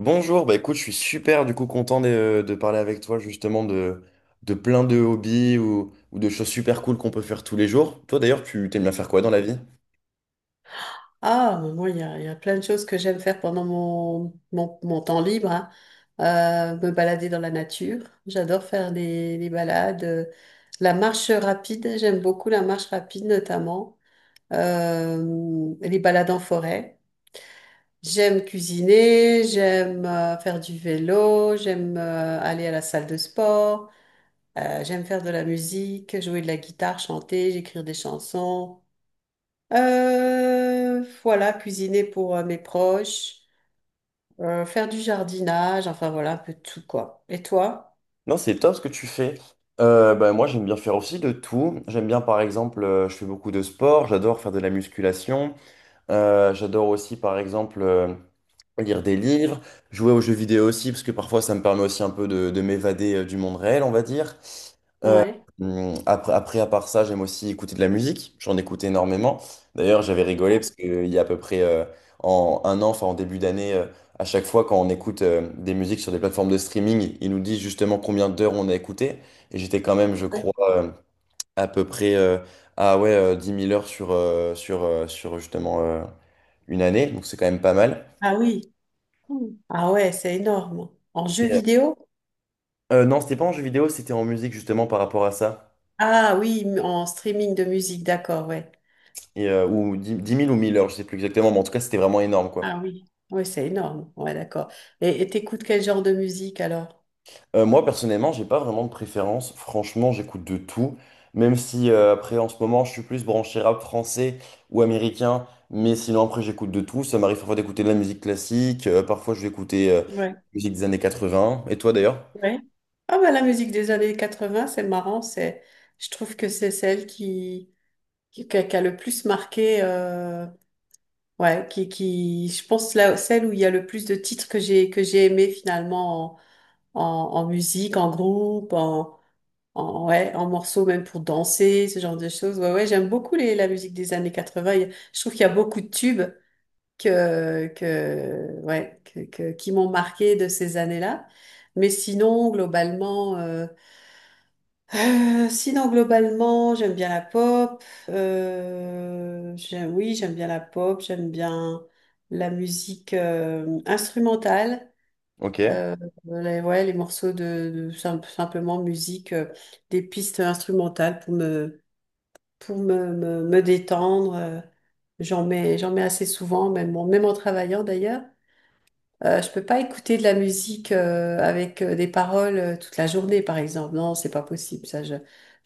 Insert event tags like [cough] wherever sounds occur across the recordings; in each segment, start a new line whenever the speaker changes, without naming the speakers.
Bonjour, bah écoute, je suis super du coup content de parler avec toi justement de plein de hobbies ou de choses super cool qu'on peut faire tous les jours. Toi d'ailleurs, tu t'aimes bien faire quoi dans la vie?
Ah, mais moi, il y a plein de choses que j'aime faire pendant mon temps libre, hein. Me balader dans la nature. J'adore faire les balades. La marche rapide, j'aime beaucoup la marche rapide notamment. Les balades en forêt. J'aime cuisiner, j'aime faire du vélo, j'aime aller à la salle de sport, j'aime faire de la musique, jouer de la guitare, chanter, écrire des chansons. Voilà, cuisiner pour mes proches, faire du jardinage, enfin voilà, un peu de tout quoi. Et toi?
Non, c'est top ce que tu fais. Bah, moi, j'aime bien faire aussi de tout. J'aime bien, par exemple, je fais beaucoup de sport, j'adore faire de la musculation. J'adore aussi, par exemple, lire des livres, jouer aux jeux vidéo aussi, parce que parfois ça me permet aussi un peu de m'évader du monde réel, on va dire. Euh,
Ouais.
après, à part ça, j'aime aussi écouter de la musique. J'en écoute énormément. D'ailleurs, j'avais rigolé parce qu'il y a à peu près en un an, enfin en début d'année, à chaque fois quand on écoute des musiques sur des plateformes de streaming, ils nous disent justement combien d'heures on a écouté. Et j'étais quand même, je
Ouais.
crois, euh, à peu près à ouais, 10 000 heures sur justement une année, donc c'est quand même pas mal.
Ah oui. Mm. Ah ouais, c'est énorme. En jeu
Et, euh,
vidéo?
euh, non, c'était pas en jeu vidéo, c'était en musique justement par rapport à ça.
Ah oui, en streaming de musique, d'accord, ouais.
Et, ou 10 10 000 ou 1 000 heures, je sais plus exactement, mais en tout cas, c'était vraiment énorme quoi.
Ah oui. Oui, c'est énorme. Ouais, d'accord. Et t'écoutes quel genre de musique alors?
Moi, personnellement, j'ai pas vraiment de préférence. Franchement, j'écoute de tout. Même si après, en ce moment, je suis plus branché rap français ou américain. Mais sinon, après, j'écoute de tout. Ça m'arrive parfois d'écouter de la musique classique. Parfois, je vais écouter
Ouais.
musique des années 80. Et toi d'ailleurs?
Ouais. Ah bah la musique des années 80 c'est marrant, c'est je trouve que c'est celle qui a le plus marqué. Ouais, je pense là, celle où il y a le plus de titres que j'ai aimé finalement en, en, en musique, en groupe, en, en, ouais, en morceaux même pour danser, ce genre de choses. Ouais, ouais, j'aime beaucoup la musique des années 80. Je trouve qu'il y a beaucoup de tubes ouais, qui m'ont marqué de ces années-là. Mais sinon, globalement, j'aime bien la pop. Oui, j'aime bien la pop. J'aime bien la musique instrumentale.
Ok,
Euh, ouais, les morceaux de simplement musique, des pistes instrumentales pour me détendre. J'en mets assez souvent, même, même en travaillant d'ailleurs. Je peux pas écouter de la musique avec des paroles toute la journée, par exemple. Non, c'est pas possible. Ça, je...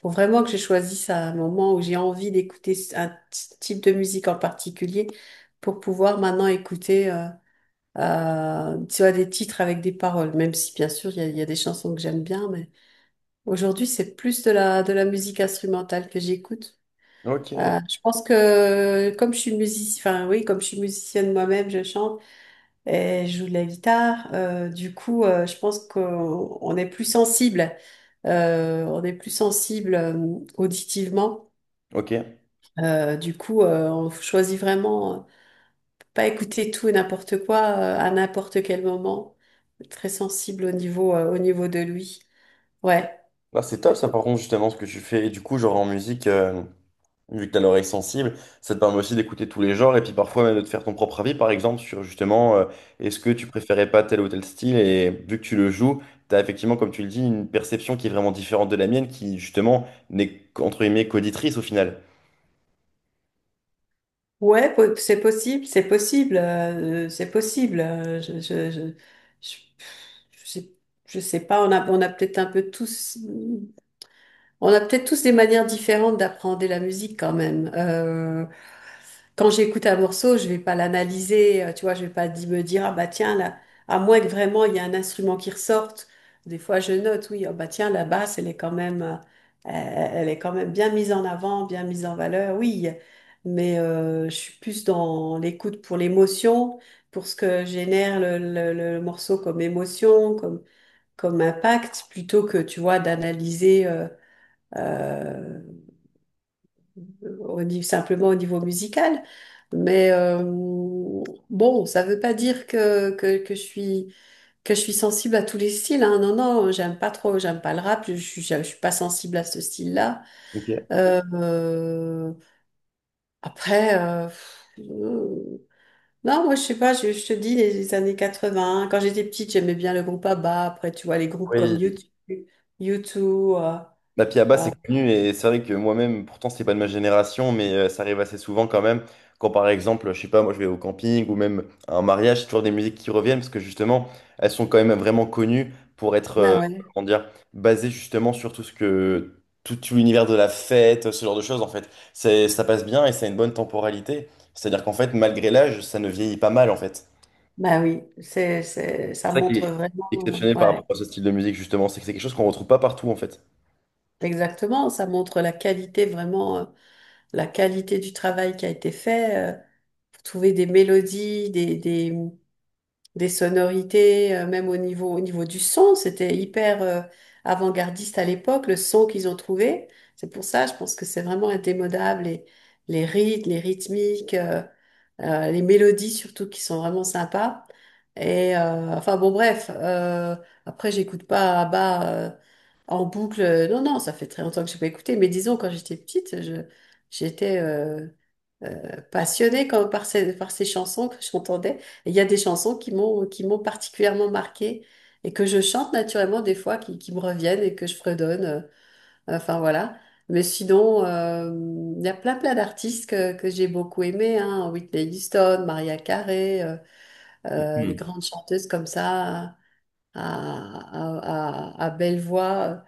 Faut vraiment que je choisisse un moment où j'ai envie d'écouter un type de musique en particulier pour pouvoir maintenant écouter, tu vois, des titres avec des paroles. Même si, bien sûr, il y a des chansons que j'aime bien, mais aujourd'hui, c'est plus de la musique instrumentale que j'écoute.
ok,
Je pense que comme je suis musicienne, enfin oui, comme je suis musicienne moi-même, je chante. Elle joue de la guitare. Du coup, je pense qu'on est plus sensible. On est plus sensible auditivement.
ok.
Du coup, on choisit vraiment pas écouter tout et n'importe quoi à n'importe quel moment. Très sensible au niveau de lui. Ouais.
Bah, c'est top ça, par contre, justement, ce que tu fais. Et du coup, genre en musique, vu que tu as l'oreille sensible, ça te permet aussi d'écouter tous les genres et puis parfois même de te faire ton propre avis, par exemple, sur justement, est-ce que tu préférais pas tel ou tel style? Et vu que tu le joues, tu as effectivement, comme tu le dis, une perception qui est vraiment différente de la mienne, qui justement n'est, qu'entre guillemets, qu'auditrice au final.
Ouais, c'est possible, c'est possible, c'est possible. Je, je sais, je sais pas, on a peut-être un peu tous. On a peut-être tous des manières différentes d'apprendre la musique quand même. Quand j'écoute un morceau, je vais pas l'analyser, tu vois, je vais pas me dire ah bah tiens là, à moins que vraiment il y a un instrument qui ressorte. Des fois je note oui ah bah tiens la basse elle est quand même bien mise en avant, bien mise en valeur, oui. Mais je suis plus dans l'écoute pour l'émotion, pour ce que génère le morceau comme émotion, comme impact, plutôt que tu vois d'analyser. Euh, Au niveau, simplement au niveau musical. Mais bon, ça veut pas dire que je suis sensible à tous les styles, hein. Non, non, j'aime pas trop, j'aime pas le rap, je suis pas sensible à ce style-là.
Ok.
Euh, euh, après, euh, pff, euh, non, moi je sais pas, je te dis les années 20. Quand j'étais petite, j'aimais bien le groupe ABBA. Après, tu vois, les groupes comme
Oui,
YouTube U2.
La Piaba, c'est connu et c'est vrai que moi-même, pourtant, c'est pas de ma génération, mais ça arrive assez souvent quand même. Quand par exemple, je sais pas, moi je vais au camping ou même à un mariage, c'est toujours des musiques qui reviennent parce que justement, elles sont quand même vraiment connues pour être,
Bah ouais,
comment dire, basées justement sur tout l'univers de la fête, ce genre de choses en fait. C'est, ça passe bien et ça a une bonne temporalité. C'est-à-dire qu'en fait, malgré l'âge, ça ne vieillit pas mal en fait.
bah oui, ça
C'est ça qui est
montre vraiment.
exceptionnel par rapport
Ouais.
à ce style de musique justement, c'est que c'est quelque chose qu'on retrouve pas partout en fait.
Exactement, ça montre la qualité vraiment, la qualité du travail qui a été fait, pour trouver des mélodies, des sonorités, même au niveau du son, c'était hyper, avant-gardiste à l'époque, le son qu'ils ont trouvé. C'est pour ça, je pense que c'est vraiment indémodable, les rythmes, les rythmiques, les mélodies surtout qui sont vraiment sympas. Et enfin bon bref, après j'écoute pas Abba en boucle. Non, non, ça fait très longtemps que j'ai pas écouté, mais disons quand j'étais petite, j'étais passionnée par ces chansons que j'entendais. Et il y a des chansons qui m'ont particulièrement marquée et que je chante naturellement des fois, qui me reviennent et que je fredonne. Enfin voilà. Mais sinon, il y a plein plein d'artistes que j'ai beaucoup aimés, hein. Whitney Houston, Maria Carey, des
Hmm.
grandes chanteuses comme ça, à belle voix.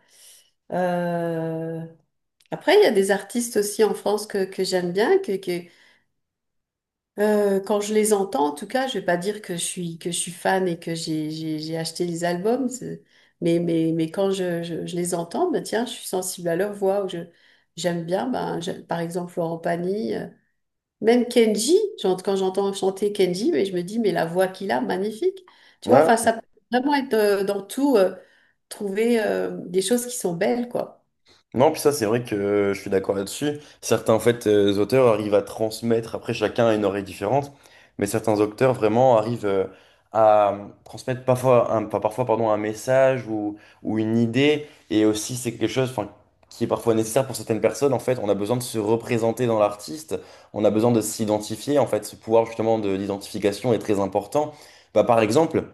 Euh, Après, il y a des artistes aussi en France que j'aime bien, quand je les entends, en tout cas, je vais pas dire que je suis fan et que j'ai acheté les albums, mais quand je les entends, ben tiens, je suis sensible à leur voix ou je j'aime bien, par exemple Florent Pagny, même Kenji, quand j'entends chanter Kenji, mais je me dis mais la voix qu'il a, magnifique, tu vois, enfin
Ouais.
ça peut vraiment être dans tout trouver des choses qui sont belles quoi.
Non, puis ça, c'est vrai que je suis d'accord là-dessus. Certains, en fait, auteurs arrivent à transmettre, après chacun a une oreille différente, mais certains auteurs vraiment arrivent à transmettre parfois, un, enfin, parfois pardon, un message ou une idée, et aussi c'est quelque chose enfin, qui est parfois nécessaire pour certaines personnes. En fait, on a besoin de se représenter dans l'artiste, on a besoin de s'identifier, en fait, ce pouvoir justement de l'identification est très important. Bah, par exemple,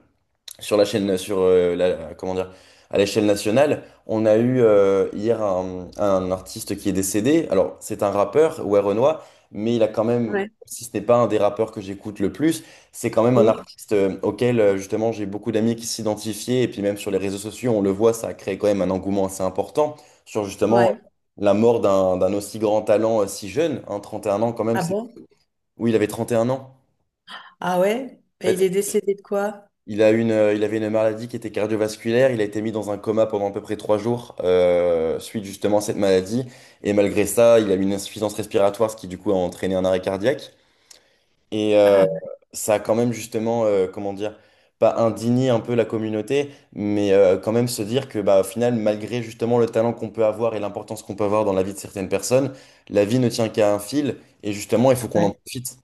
sur la chaîne, sur la, comment dire, à l'échelle nationale, on a eu hier un artiste qui est décédé. Alors, c'est un rappeur, ouais, Renoir, mais il a quand même,
Ouais.
si ce n'est pas un des rappeurs que j'écoute le plus, c'est quand même un
Mmh.
artiste auquel, justement, j'ai beaucoup d'amis qui s'identifiaient. Et puis, même sur les réseaux sociaux, on le voit, ça a créé quand même un engouement assez important sur justement
Ouais.
la mort d'un aussi grand talent si jeune, hein, 31 ans quand même,
Ah
c'est.
bon?
Oui, il avait 31 ans.
Ah ouais?
En
Et
fait,
il est décédé de quoi?
il avait une maladie qui était cardiovasculaire. Il a été mis dans un coma pendant à peu près 3 jours suite justement à cette maladie. Et malgré ça, il a eu une insuffisance respiratoire, ce qui du coup a entraîné un arrêt cardiaque. Et
Ah.
ça a quand même justement, comment dire, pas indigné un peu la communauté, mais quand même se dire que bah, au final, malgré justement le talent qu'on peut avoir et l'importance qu'on peut avoir dans la vie de certaines personnes, la vie ne tient qu'à un fil. Et justement, il faut qu'on en
Ouais.
profite.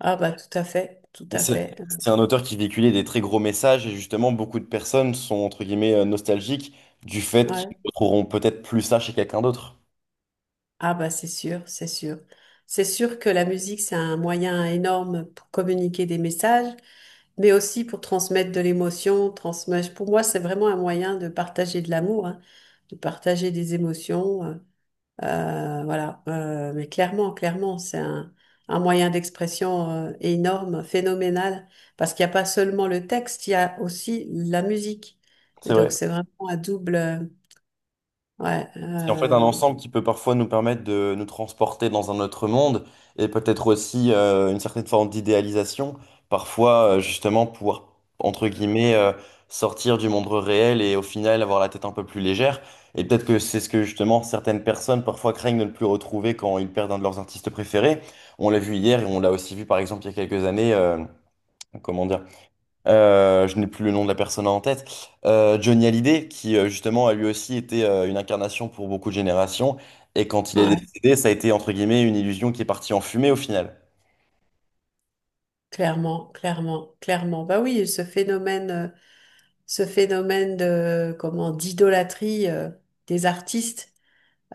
Ah bah tout à fait, tout
Et
à
C'est
fait.
c'est un auteur qui véhiculait des très gros messages et justement beaucoup de personnes sont entre guillemets nostalgiques du fait qu'ils
Ouais.
ne retrouveront peut-être plus ça chez quelqu'un d'autre.
Ah bah c'est sûr, c'est sûr. C'est sûr que la musique, c'est un moyen énorme pour communiquer des messages, mais aussi pour transmettre de l'émotion, transmettre. Pour moi, c'est vraiment un moyen de partager de l'amour, hein, de partager des émotions. Voilà. Mais clairement, clairement, c'est un moyen d'expression énorme, phénoménal, parce qu'il n'y a pas seulement le texte, il y a aussi la musique.
C'est
Donc
vrai.
c'est vraiment un double. Ouais,
Qui est en fait un
euh,
ensemble qui peut parfois nous permettre de nous transporter dans un autre monde et peut-être aussi une certaine forme d'idéalisation, parfois justement pouvoir, entre guillemets, sortir du monde réel et au final avoir la tête un peu plus légère. Et peut-être que c'est ce que justement certaines personnes parfois craignent de ne plus retrouver quand ils perdent un de leurs artistes préférés. On l'a vu hier et on l'a aussi vu par exemple il y a quelques années, comment dire. Je n'ai plus le nom de la personne en tête. Johnny Hallyday, qui justement a lui aussi été une incarnation pour beaucoup de générations. Et quand il est
Ouais,
décédé, ça a été entre guillemets une illusion qui est partie en fumée au final.
clairement, clairement, clairement. Bah oui, ce phénomène, de, comment, d'idolâtrie, des artistes,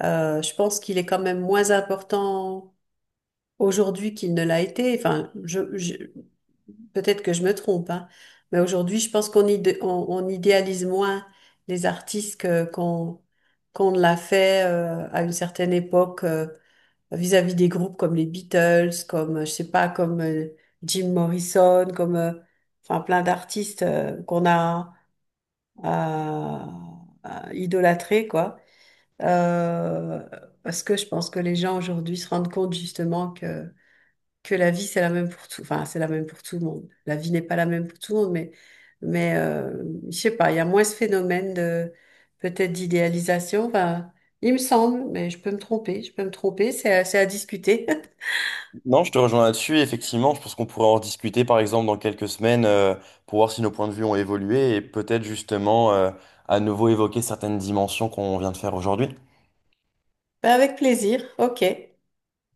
je pense qu'il est quand même moins important aujourd'hui qu'il ne l'a été. Enfin, peut-être que je me trompe, hein, mais aujourd'hui, je pense qu'on idéalise moins les artistes qu'on ne l'a fait, à une certaine époque. Vis-à-vis des groupes comme les Beatles, comme, je sais pas, comme Jim Morrison, comme, enfin, plein d'artistes qu'on a euh, idolâtrés, quoi. Euh, Parce que je pense que les gens aujourd'hui se rendent compte justement que la vie, c'est la même pour tout, enfin, c'est la même pour tout le monde. La vie n'est pas la même pour tout le monde, mais, mais euh, je sais pas, il y a moins ce phénomène de, peut-être d'idéalisation, enfin, il me semble, mais je peux me tromper, je peux me tromper, c'est à discuter. [laughs]
Non, je te rejoins là-dessus. Effectivement, je pense qu'on pourrait en discuter par exemple dans quelques semaines pour voir si nos points de vue ont évolué et peut-être justement à nouveau évoquer certaines dimensions qu'on vient de faire aujourd'hui.
Ben, avec plaisir, ok.